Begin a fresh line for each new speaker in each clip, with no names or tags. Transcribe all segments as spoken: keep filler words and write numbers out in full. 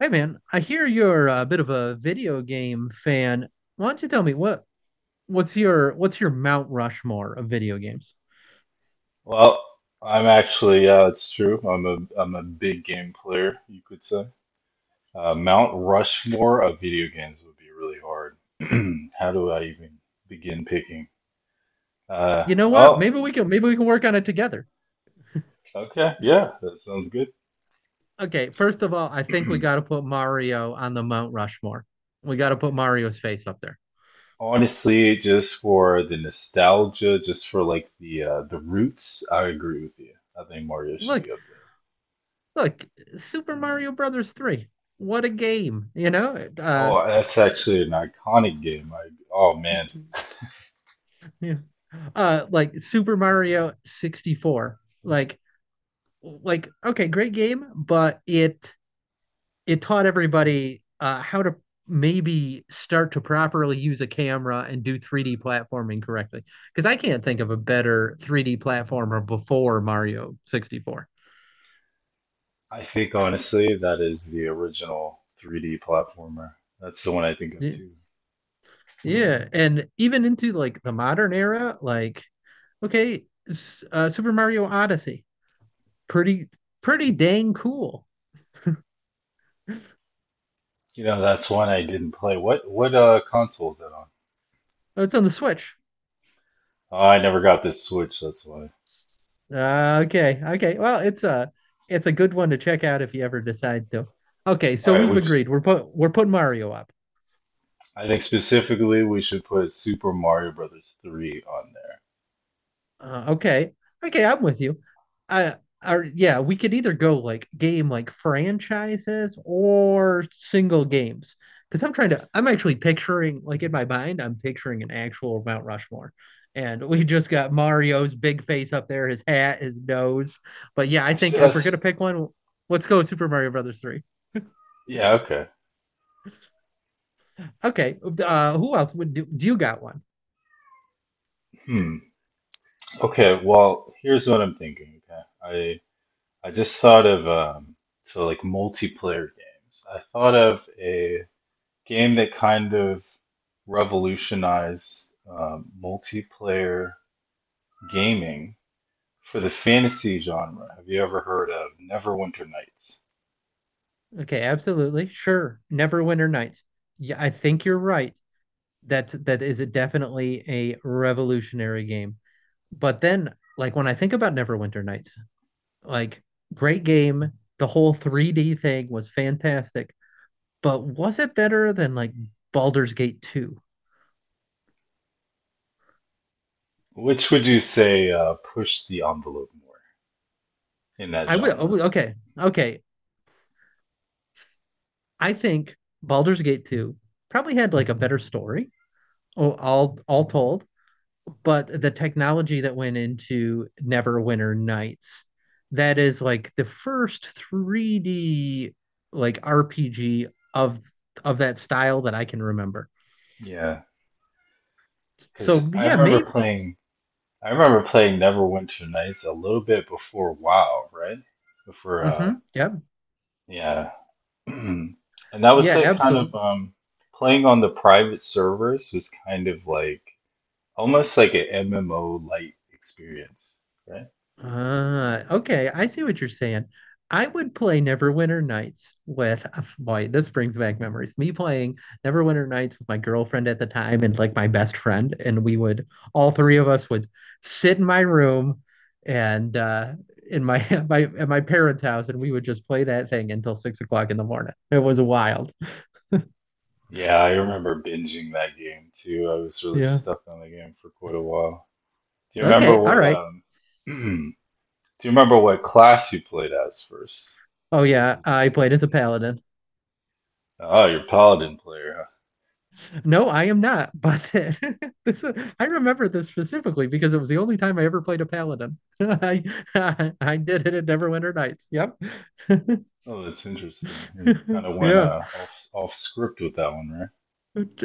Hey man, I hear you're a bit of a video game fan. Why don't you tell me what what's your what's your Mount Rushmore of video games?
Well, I'm actually, yeah, it's true. I'm a I'm a big game player, you could say. Uh, Mount Rushmore of video games would be really hard. How do I even begin picking? Uh,
You know what?
oh,
Maybe we can maybe we can work on it together.
okay, yeah, that sounds good.
Okay, first of all, I think we got to put Mario on the Mount Rushmore. We got to put Mario's face up there.
Honestly, just for the nostalgia, just for like the uh, the roots, I agree with you. I think Mario should
Look,
be up there.
look, Super Mario Brothers three. What a game, you know? Uh
Oh, that's
d-
actually an iconic game. I, oh man.
yeah. Uh like Super Mario sixty-four. Like like okay, great game, but it it taught everybody uh, how to maybe start to properly use a camera and do three D platforming correctly. Because I can't think of a better three D platformer before Mario sixty-four.
I think honestly that is the original three D platformer. That's the one I think of
Yeah.
too.
Yeah, and even into like the modern era, like okay, uh, Super Mario Odyssey, pretty pretty dang cool.
You know, that's one I didn't play. What what uh console is that on?
Oh, it's on the Switch.
Oh, I never got this Switch, that's why.
Uh, okay, okay. Well, it's a it's a good one to check out if you ever decide to. Okay,
All
so
right,
we've
which
agreed. We're put we're putting Mario up.
I think specifically we should put Super Mario Brothers three on there.
Uh, okay, okay. I'm with you. I are Yeah. We could either go like game like franchises or single games. Because I'm trying to, I'm actually picturing like in my mind, I'm picturing an actual Mount Rushmore, and we just got Mario's big face up there, his hat, his nose. But yeah, I
Actually,
think if we're
that's
gonna pick one, let's go Super Mario Brothers three.
Yeah, okay.
Okay. Uh, who else would do? Do? You got one.
Hmm. Okay, well, here's what I'm thinking, okay? I I just thought of um so like multiplayer games. I thought of a game that kind of revolutionized uh, multiplayer gaming for the fantasy genre. Have you ever heard of Neverwinter Nights?
Okay, absolutely. Sure. Neverwinter Nights. Yeah, I think you're right. That's that is a definitely a revolutionary game. But then, like when I think about Neverwinter Nights, like great game. The whole three D thing was fantastic. But was it better than like Baldur's Gate two?
Which would you say uh, pushed the envelope more in that
I would I
genre?
would- okay. Okay. I think Baldur's Gate two probably had like a better story, all all, all told, but the technology that went into Neverwinter Nights, that is like the first three D like R P G of of that style that I can remember.
Yeah, because
So
I
yeah,
remember
maybe.
playing. I remember playing Neverwinter Nights a little bit before WoW, right? Before, uh,
hmm Yeah,
yeah, and that was
yeah,
like kind
absolutely.
of um, playing on the private servers was kind of like almost like an M M O light experience, right?
Ah, okay, I see what you're saying. I would play Neverwinter Nights with, uh, boy, this brings back memories. Me playing Neverwinter Nights with my girlfriend at the time and like my best friend, and we would all three of us would sit in my room and uh in my my at my parents' house, and we would just play that thing until six o'clock in the morning. It was wild.
Yeah, I remember binging that game too. I was really
Yeah.
stuck on the game for quite a while. Do you remember
Okay. All
what
right.
um do you remember what class you played as first?
Oh
Or what
yeah,
did you
I
like in
played as a paladin.
that? Oh, you're Paladin player, huh?
No, I am not. But this, I remember this specifically because it was the only time I ever played a paladin. I, I I did it at Neverwinter Nights. Yep.
Oh, that's interesting. You kind of went
Yeah,
uh off off script with that one, right?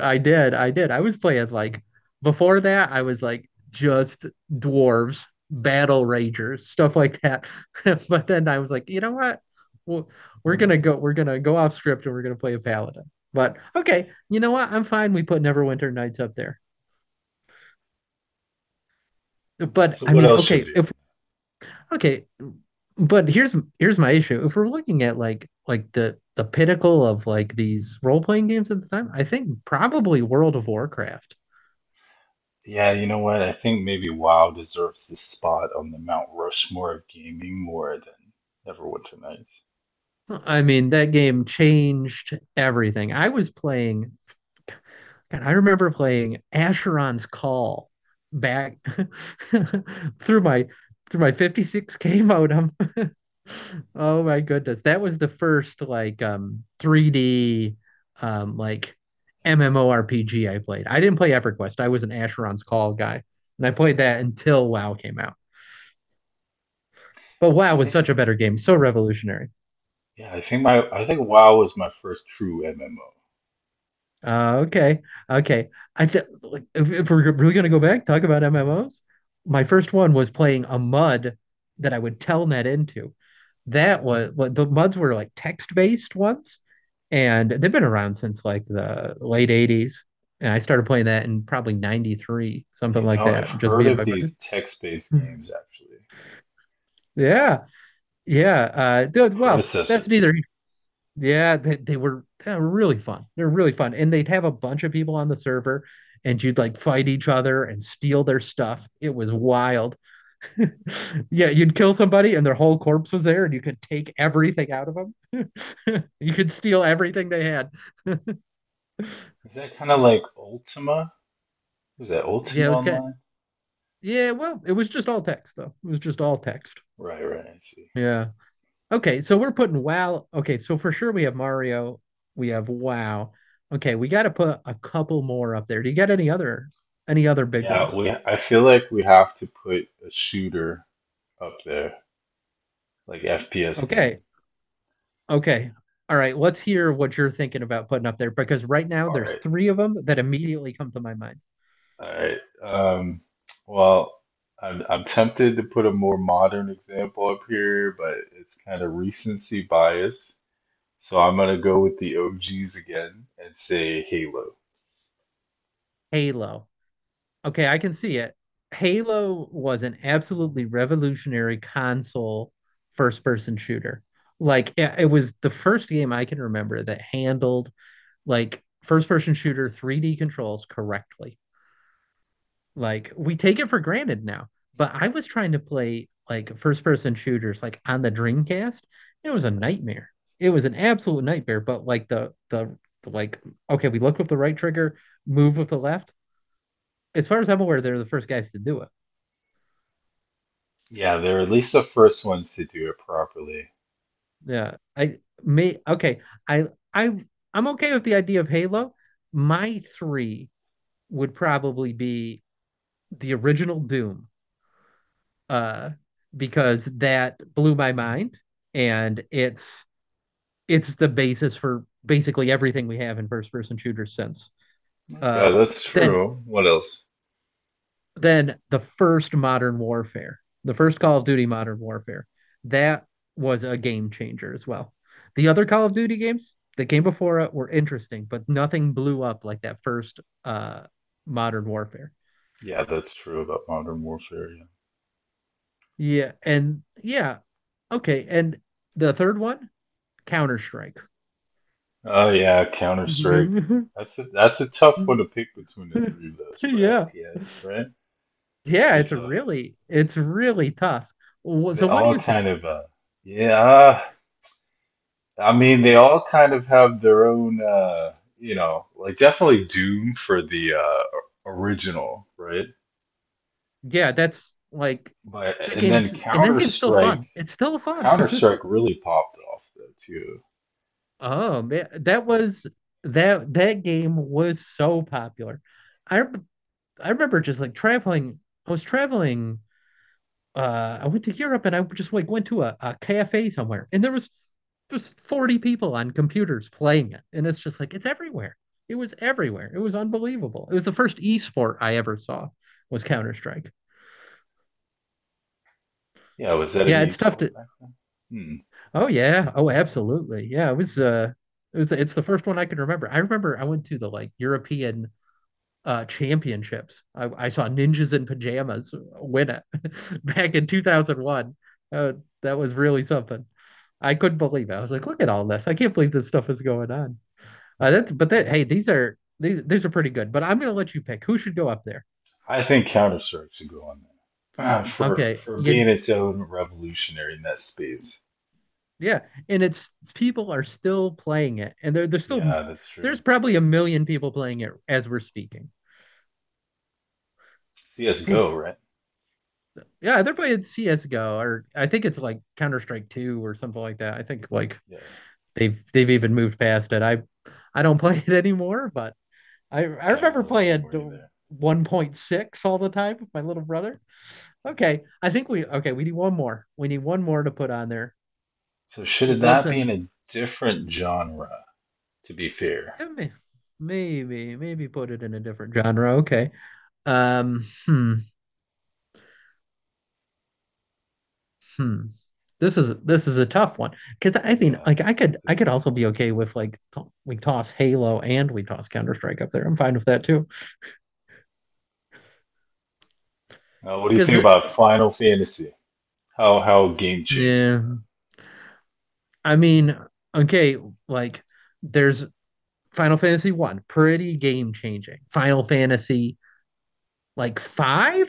I did. I did. I was playing like before that. I was like just dwarves, battle ragers, stuff like that. But then I was like, you know what? Well, we're gonna go. We're gonna go off script and we're gonna play a paladin. But okay, you know what? I'm fine. We put Neverwinter Nights up there. But
So
I
what
mean,
else should
okay,
be on
if
that?
Okay, but here's here's my issue. If we're looking at like like the the pinnacle of like these role-playing games at the time, I think probably World of Warcraft.
Yeah, you know what? I think maybe WoW deserves the spot on the Mount Rushmore of gaming more than Neverwinter Nights.
I mean, that game changed everything. I was playing And I remember playing Asheron's Call back through my through my fifty-six K modem. Oh my goodness. That was the first like um three D um like MMORPG I played. I didn't play EverQuest. I was an Asheron's Call guy. And I played that until WoW came out. But
I
WoW was
think,
such a better game, so revolutionary.
yeah, I think my, I think WoW was my first true M M O.
Uh, okay. Okay. I th Like if, if we're really gonna go back, talk about M M Os. My first one was playing a MUD that I would telnet into. That was what the MUDs were, like text-based ones, and they've been around since like the late eighties. And I started playing that in probably ninety-three, something
You
like
know, I've
that, just
heard
me and
of
my
these
buddy.
text-based games actually,
Yeah. Yeah. Uh,
the
dude, well, that's
predecessors.
neither. Yeah, they, they were they were really fun. They're really fun. And they'd have a bunch of people on the server and you'd like fight each other and steal their stuff. It was wild. Yeah, you'd kill somebody and their whole corpse was there and you could take everything out of them. You could steal everything they had.
Is that kind of like Ultima? Is that
Yeah, it
Ultima
was kind of,
Online?
yeah, well, it was just all text though. It was just all text.
Right, right, I see.
Yeah. Okay, so we're putting WoW. Okay, so for sure we have Mario, we have WoW. Okay, we got to put a couple more up there. Do you got any other any other big
Yeah,
ones?
we, I feel like we have to put a shooter up there, like F P S game.
Okay. Okay. All right. Let's hear what you're thinking about putting up there because right now
All
there's
right,
three of them that immediately come to my mind.
all right. Um, well, I'm, I'm tempted to put a more modern example up here, but it's kind of recency bias. So I'm gonna go with the O Gs again and say Halo.
Halo. Okay, I can see it. Halo was an absolutely revolutionary console first-person shooter. Like it, it was the first game I can remember that handled like first-person shooter three D controls correctly. Like we take it for granted now. But I was trying to play like first person shooters like on the Dreamcast. It was a
Right.
nightmare. It was an absolute nightmare. But like the the, the like okay, we look with the right trigger, move with the left. As far as I'm aware, they're the first guys to do it.
Yeah, they're at least the first ones to do it properly.
Yeah. I may okay. I I I'm okay with the idea of Halo. My three would probably be the original Doom. Uh because that blew my mind and it's it's the basis for basically everything we have in first person shooters since.
Okay,
Uh,
that's
then
true. What else?
then the first modern warfare, the first Call of Duty Modern Warfare, that was a game changer as well. The other Call of Duty games that came before it were interesting, but nothing blew up like that first uh, Modern Warfare.
Yeah, that's true about Modern Warfare. Yeah.
Yeah, and yeah, okay, and the third one, Counter Strike.
Oh yeah, Counter Strike. That's a that's a tough one to pick between the three of those for
yeah,
F P S, right? It's
Yeah,
pretty
it's
tough.
really it's really tough. Wh-
They
So what do
all
you
kind
think?
of uh yeah, I mean they all kind of have their own uh you know, like definitely Doom for the uh original, right?
Yeah, that's like
But
that
and then
game's and that
Counter
game's still
Strike,
fun. It's still fun.
Counter Strike really popped off though too.
Oh man, that was that that game was so popular. I rem- I remember just like traveling. I was traveling uh I went to Europe and I just like went to a, a cafe somewhere and there was just forty people on computers playing it. And it's just like it's everywhere. It was everywhere. It was unbelievable. It was the first e-sport I ever saw was Counter-Strike.
Yeah, was that an
Yeah, it's tough
esport
to.
back then? Hmm.
Oh yeah. Oh, absolutely. Yeah, it was uh it was it's the first one I can remember. I remember I went to the like European uh, championships. I, I saw Ninjas in Pajamas win it back in two thousand one. Uh, that was really something. I couldn't believe it. I was like, look at all this. I can't believe this stuff is going on. Uh, that's but that Hey, these are these these are pretty good. But I'm gonna let you pick who should go up there.
I think Counter Strike should go on there. Ah, for
Okay,
for being
you,
its own revolutionary in that space.
yeah, and it's people are still playing it, and they're they're still
Yeah, that's
there's
true.
probably a million people playing it as we're speaking.
C S:G O,
Oof.
right?
Yeah, they're playing C S:G O, or I think it's like Counter Strike Two or something like that. I think like
Yeah,
they've they've even moved past it. I I don't play it anymore, but I I
I don't
remember
play it
playing
anymore either.
one point six all the time with my little brother. Okay, I think we okay, we need one more. We need one more to put on there.
So should
What's
that be in
an
a different genre? To be fair.
Maybe maybe put it in a different genre. Okay. Um hmm, hmm. This is this is a tough one because I mean
Yeah,
like I could
that's a
I could
tough
also be
one.
okay with like t- we toss Halo and we toss Counter Strike up there. I'm fine with that too
Uh, what do you think
because
about Final Fantasy? How how game changing?
yeah. I mean, okay, like there's Final Fantasy one, pretty game changing. Final Fantasy like five,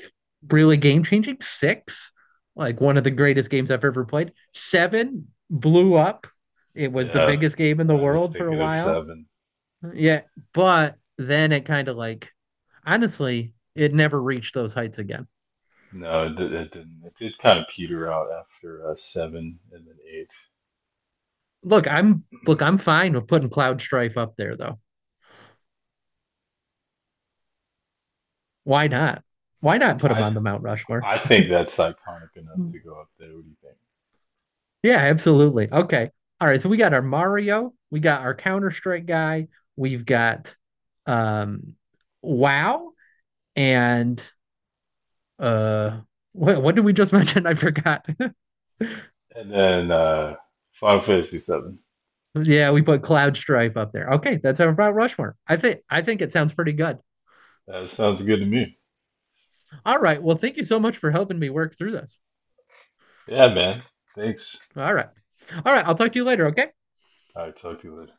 really game changing. six, like one of the greatest games I've ever played. seven blew up. It was the
Yeah,
biggest game in the
I was
world for a
thinking of
while.
seven.
Yeah, but then it kind of like honestly, it never reached those heights again.
No, it, di- it didn't. It did kind of peter out after uh, seven and then eight.
Look, I'm look, I'm fine with putting Cloud Strife up there though. Why not? Why not put him
I
on the Mount Rushmore?
I think that's iconic enough to go up there. What do you think?
Yeah, absolutely. Okay. All right. So we got our Mario, we got our Counter-Strike guy, we've got um WoW and uh what what did we just mention? I forgot.
And then uh, Final Fantasy seven.
Yeah, we put Cloud Strife up there. Okay, that's our about Rushmore. I think I think it sounds pretty good.
That sounds good to me.
All right. Well, thank you so much for helping me work through this.
Yeah, man. Thanks.
All right. All right, I'll talk to you later, okay?
All right, talk to you later.